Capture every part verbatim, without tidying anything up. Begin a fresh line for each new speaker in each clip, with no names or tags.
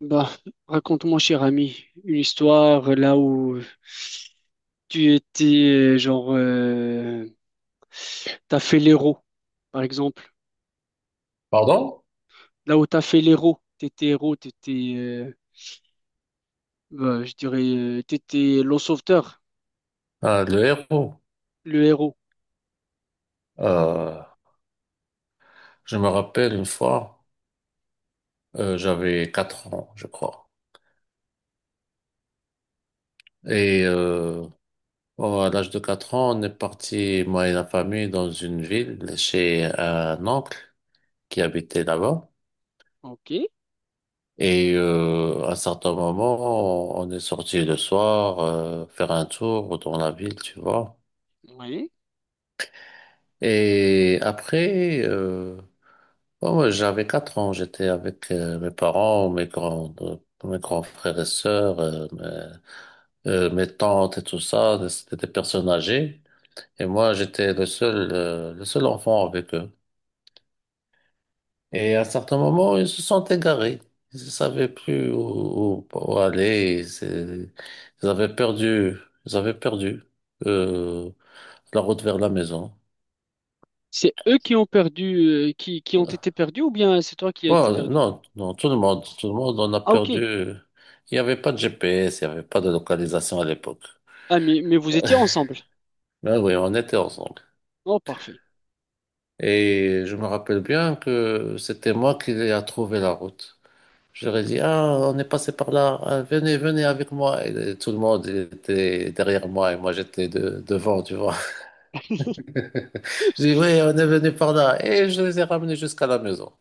Bah, raconte-moi, cher ami, une histoire là où tu étais, euh, genre, euh, t'as fait l'héros, par exemple.
Pardon?
Là où t'as fait l'héros, t'étais héros, t'étais, euh, bah, je dirais, euh, t'étais le sauveteur,
Ah, le héros.
le héros.
Euh, je me rappelle une fois, euh, j'avais quatre ans, je crois. Et euh, oh, à l'âge de quatre ans, on est parti, moi et la famille, dans une ville chez un oncle qui habitait là-bas.
Ok,
Et euh, à un certain moment, on on est sorti le soir euh, faire un tour dans la ville, tu vois.
oui.
Et après, euh, ouais, ouais, j'avais quatre ans, j'étais avec euh, mes parents, mes grands, euh, mes grands frères et sœurs, euh, mes, euh, mes tantes et tout ça, c'était des personnes âgées. Et moi, j'étais le seul, euh, le seul enfant avec eux. Et à un certain moment, ils se sont égarés. Ils ne savaient plus où, où- où aller. C'est- Ils avaient perdu, ils avaient perdu euh, la route vers la maison.
C'est eux qui ont perdu, euh, qui, qui ont été perdus ou bien c'est toi qui as été
Bon,
perdu?
non, non, tout le monde, tout le monde en a
Ah, ok.
perdu. Il n'y avait pas de G P S, il n'y avait pas de localisation à l'époque.
Ah, mais, mais vous étiez ensemble.
Mais oui, on était ensemble.
Oh, parfait.
Et je me rappelle bien que c'était moi qui ai trouvé la route. Je leur ai dit, ah, on est passé par là, ah, venez, venez avec moi. Et tout le monde il était derrière moi et moi j'étais de- devant, tu vois. Je dis, oui, on est venu par là. Et je les ai ramenés jusqu'à la maison.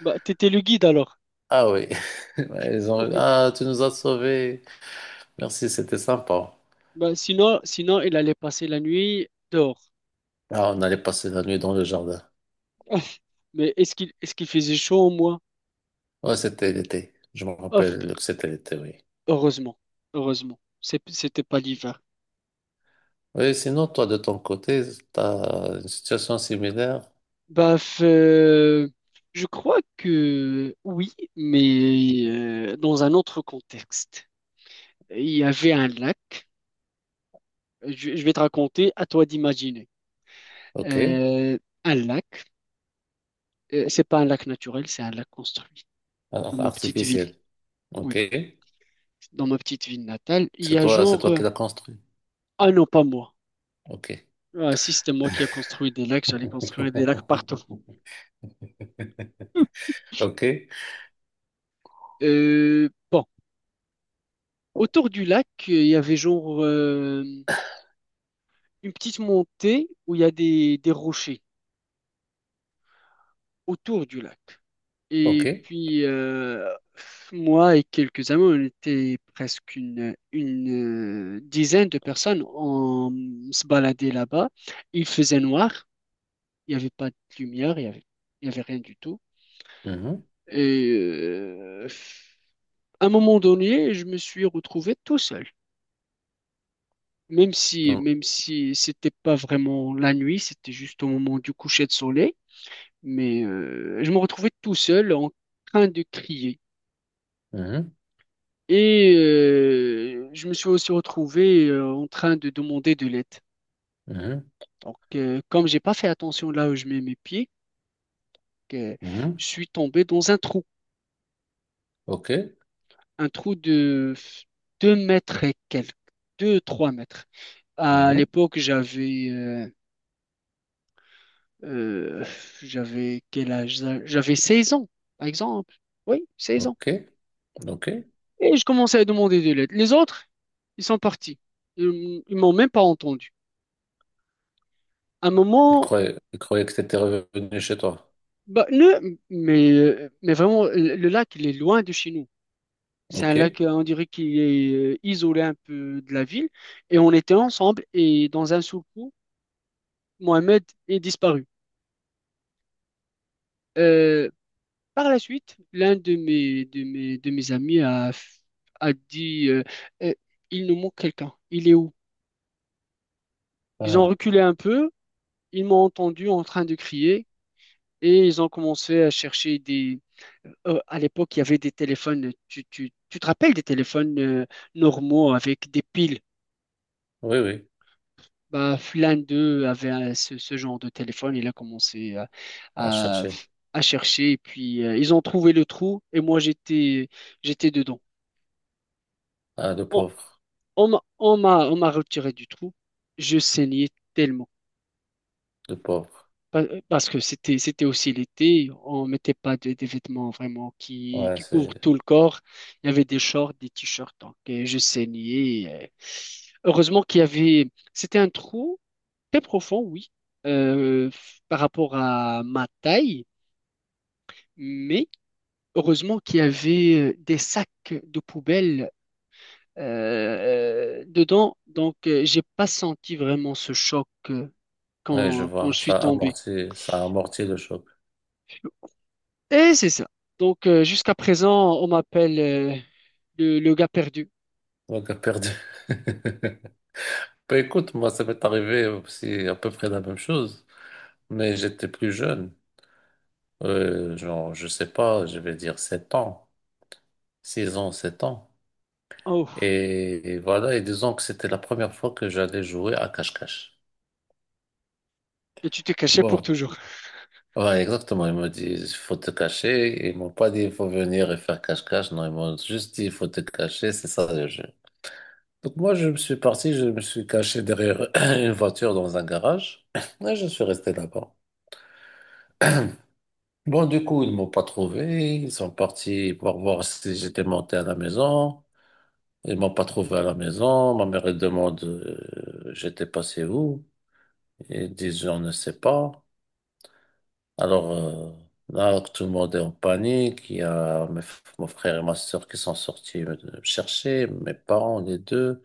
Bah, t'étais le guide alors.
Ah oui. Ils ont, ah, tu nous as sauvés. Merci, c'était sympa.
Bah, sinon, sinon, il allait passer la nuit dehors.
Ah, on allait passer la nuit dans le jardin.
Ouf. Mais est-ce qu'il est-ce qu'il faisait chaud au moins?
Ouais, c'était l'été. Je me
Ouf.
rappelle que c'était l'été, oui.
Heureusement, heureusement, C'est- c'était pas l'hiver.
Oui, sinon, toi, de ton côté, t'as une situation similaire.
Bah, f- euh, je crois que oui, mais euh, dans un autre contexte. Il y avait un lac. Je, je vais te raconter, à toi d'imaginer.
OK.
Euh, un lac. Euh, c'est pas un lac naturel, c'est un lac construit dans
Alors,
ma petite ville.
artificielle. OK.
Oui, dans ma petite ville natale, il
C'est
y a
toi, c'est
genre.
toi
euh,
qui l'as construit.
Ah non, pas moi.
OK.
Euh, Ah, si c'était moi qui a construit des lacs, j'allais construire des lacs partout.
OK.
Euh, bon, autour du lac, euh, il y avait genre euh, une petite montée où il y a des, des rochers autour du lac.
OK.
Et puis, euh, moi et quelques amis, on était presque une, une euh, dizaine de personnes. On se baladait là-bas. Il faisait noir, il n'y avait pas de lumière, il y avait, il y avait rien du tout.
Mhm.
Et euh, à un moment donné, je me suis retrouvé tout seul. Même si, même si c'était pas vraiment la nuit, c'était juste au moment du coucher de soleil, mais euh, je me retrouvais tout seul en train de crier.
Mhm.
Et euh, je me suis aussi retrouvé euh, en train de demander de l'aide.
Mhm.
Donc, euh, comme j'ai pas fait attention là où je mets mes pieds, euh, je
Mhm.
suis tombé dans un trou,
OK.
un trou de deux mètres et quelques, deux trois mètres. À
Mhm.
l'époque, j'avais euh, Euh, j'avais quel âge? J'avais seize ans, par exemple. Oui, seize ans.
OK. OK.
Et je commençais à demander de l'aide. Les autres, ils sont partis. Ils ils m'ont même pas entendu. À un
Il
moment,
croyait, il croyait que t'étais revenu chez toi.
bah, ne, mais, euh, mais vraiment, le le lac, il est loin de chez nous. C'est un
OK.
lac, euh, on dirait qu'il est euh, isolé un peu de la ville. Et on était ensemble et dans un seul coup, Mohamed est disparu. Euh, Par la suite, l'un de mes, de mes, de mes amis a, f- a dit euh, Euh, il nous manque quelqu'un. Il est où? Ils ont
Ah,
reculé un peu, ils m'ont entendu en train de crier et ils ont commencé à chercher des. Euh, à l'époque, il y avait des téléphones. Tu, tu, tu te rappelles des téléphones euh, normaux avec des piles?
oui, oui.
Bah, l'un d'eux avait euh, ce, ce genre de téléphone. Il a commencé euh,
À
à,
chercher.
à chercher et puis euh, ils ont trouvé le trou et moi j'étais, j'étais dedans.
Ah, le pauvre.
On m'a, on m'a, on m'a retiré du trou. Je saignais tellement.
Le pauvre.
Pa- Parce que c'était, c'était aussi l'été. On mettait pas de- des vêtements vraiment qui,
Ouais,
qui
c'est,
couvrent tout le corps. Il y avait des shorts, des t-shirts. Donc, euh, je saignais. euh. Heureusement qu'il y avait, c'était un trou très profond, oui, euh, par rapport à ma taille. Mais heureusement qu'il y avait euh, des sacs de poubelle euh, euh, dedans. Donc, euh, j'ai pas senti vraiment ce choc. euh,
ouais, je
quand, quand
vois.
je suis
Ça
tombé.
amortit, ça amortit le choc.
Et c'est ça. Donc, euh, jusqu'à présent, on m'appelle euh, le, le gars perdu.
Donc, a perdu. Bah, écoute, moi, ça m'est arrivé aussi à peu près la même chose, mais j'étais plus jeune. Euh, genre, je sais pas, je vais dire sept ans, six ans, sept ans.
Oh,
Et, et voilà, et disons que c'était la première fois que j'allais jouer à cache-cache.
et tu t'es caché pour
Bon,
toujours.
ouais, exactement. Ils m'ont dit, il faut te cacher. Ils m'ont pas dit, il faut venir et faire cache-cache. Non, ils m'ont juste dit, il faut te cacher. C'est ça. Donc moi, je me suis parti, je me suis caché derrière une voiture dans un garage et je suis resté là-bas. Bon, du coup, ils m'ont pas trouvé. Ils sont partis pour voir si j'étais monté à la maison. Ils m'ont pas trouvé à la maison. Ma mère, elle demande, euh, j'étais passé où? Ils disent, on ne sait pas. Alors, euh, là, tout le monde est en panique. Il y a mes f- mon frère et ma soeur qui sont sortis me me chercher, mes parents, les deux.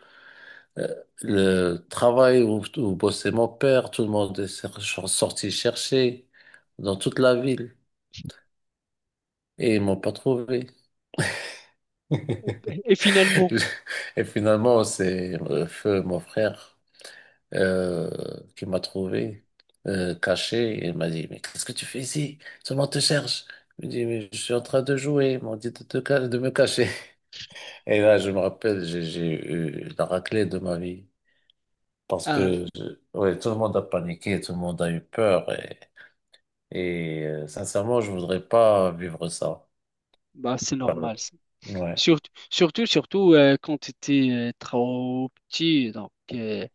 Euh, Le travail où, où bossait mon père, tout le monde est cer- ch- sorti chercher dans toute la ville et ils m'ont pas trouvé.
Et finalement,
Et finalement, c'est euh, Feu, mon frère, euh, qui m'a trouvé euh, caché et il m'a dit, mais qu'est-ce que tu fais ici? Tout le monde te cherche. Je lui dis, mais je suis en train de jouer. Ils m'ont dit de, te ca- de me cacher. Et là, je me rappelle, j'ai j'ai eu la raclée de ma vie parce
ah,
que je- ouais, tout le monde a paniqué, tout le monde a eu peur. Et euh, sincèrement, je voudrais pas vivre ça.
bah, c'est
Pardon.
normal ça.
Ouais,
Surtout, surtout, surtout euh, quand tu étais euh, trop petit. Donc, euh,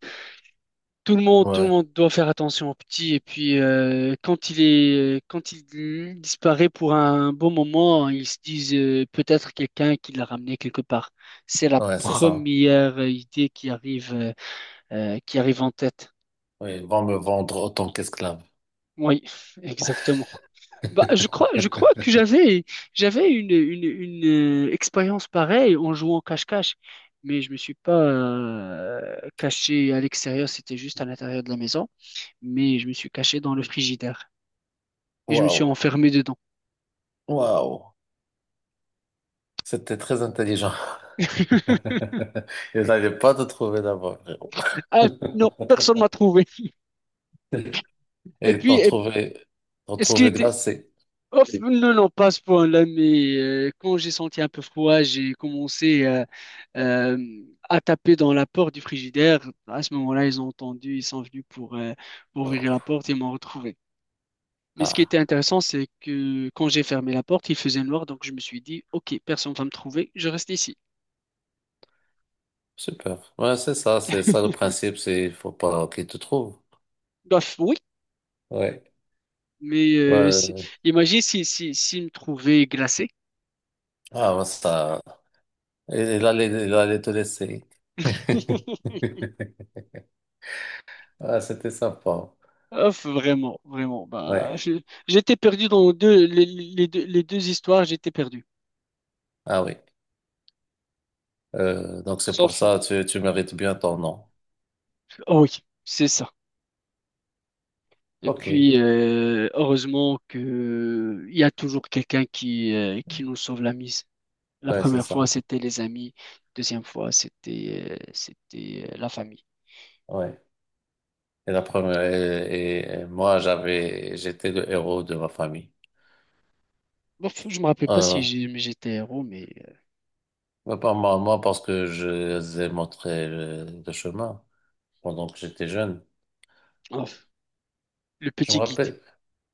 tout le monde, tout le
ouais,
monde doit faire attention au petit. Et puis, euh, quand il est, euh, quand il disparaît pour un bon moment, ils se disent euh, peut-être quelqu'un qui l'a ramené quelque part. C'est la
ouais, c'est ça.
première idée qui arrive. euh, euh, qui arrive en tête.
Oui, ils vont me vendre autant qu'esclave.
Oui, exactement. Bah, je crois, je crois que j'avais, j'avais une, une, une, euh, expérience pareille en jouant au cache-cache, mais je me suis pas euh, caché à l'extérieur, c'était juste à l'intérieur de la maison, mais je me suis caché dans le frigidaire et je me suis
Waouh,
enfermé dedans.
waouh, c'était très intelligent. Ils n'avaient pas de trouver d'abord, frérot.
Ah non, personne m'a trouvé. Et
Et
puis,
t'en trouver, t'en
est-ce qu'il
trouver
était,
glacé.
oh, Et- non, non, pas à ce point-là, mais euh, quand j'ai senti un peu froid, j'ai commencé euh, euh, à taper dans la porte du frigidaire. À ce moment-là, ils ont entendu, ils sont venus pour, euh, pour
Oh.
ouvrir la porte et m'ont retrouvé. Mais ce qui
Ah.
était intéressant, c'est que quand j'ai fermé la porte, il faisait noir, donc je me suis dit, OK, personne va me trouver, je reste ici.
Super. Ouais, c'est ça, c'est ça le principe, c'est il faut pas qu'il te trouve.
Bref, oui,
Ouais.
mais euh,
Ouais.
si- imagine si, si, s'ils me trouvaient glacé.
Ah, ouais, ça. Il il allait, il allait te laisser. Ah, c'était sympa.
Ouf, vraiment, vraiment.
Ouais.
Bah, je- j'étais perdu dans deux, les les deux les deux histoires, j'étais perdu.
Ah oui. Euh, donc c'est pour
Sauf,
ça, tu, tu mérites bien ton nom.
oh oui, c'est ça. Et
Ok.
puis, euh, heureusement que il y a toujours quelqu'un qui, euh, qui nous sauve la mise. La
Ouais, c'est
première fois,
ça.
c'était les amis. Deuxième fois, c'était euh, c'était euh, la famille.
Ouais. Et la première, et, et- et moi, j'avais, j'étais le héros de ma famille.
Bon, je me rappelle pas
Euh,
si j'ai- j'étais héros, mais
mais pas moi, moi, parce que je les ai montré le, le chemin pendant que j'étais jeune.
euh, oh, le
Je me
petit guide.
rappelle.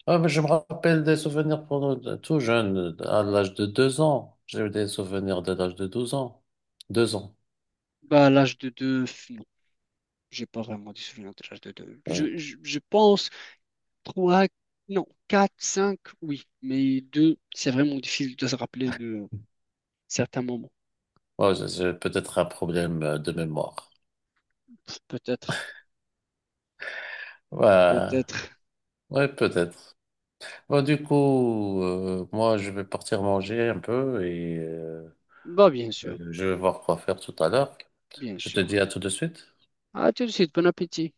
Ah, mais je me rappelle des souvenirs pour nous, de- tout jeune, à l'âge de deux ans. J'ai eu des souvenirs de l'âge de douze ans. Deux ans,
Bah, à l'âge de deux, non, j'ai pas vraiment des souvenirs de l'âge de deux.
oui.
Je, je, je pense trois, non, quatre, cinq, oui, mais deux, c'est vraiment difficile de se rappeler de certains moments.
Ouais, j'ai j'ai peut-être un problème euh, de mémoire.
Peut-être.
Ouais,
Peut-être.
ouais, peut-être. Bon, du coup, euh, moi, je vais partir manger un peu et euh,
Bah, bien
euh,
sûr,
je vais voir quoi faire tout à l'heure.
bien
Je te
sûr.
dis à tout de suite.
À tout de suite, bon appétit.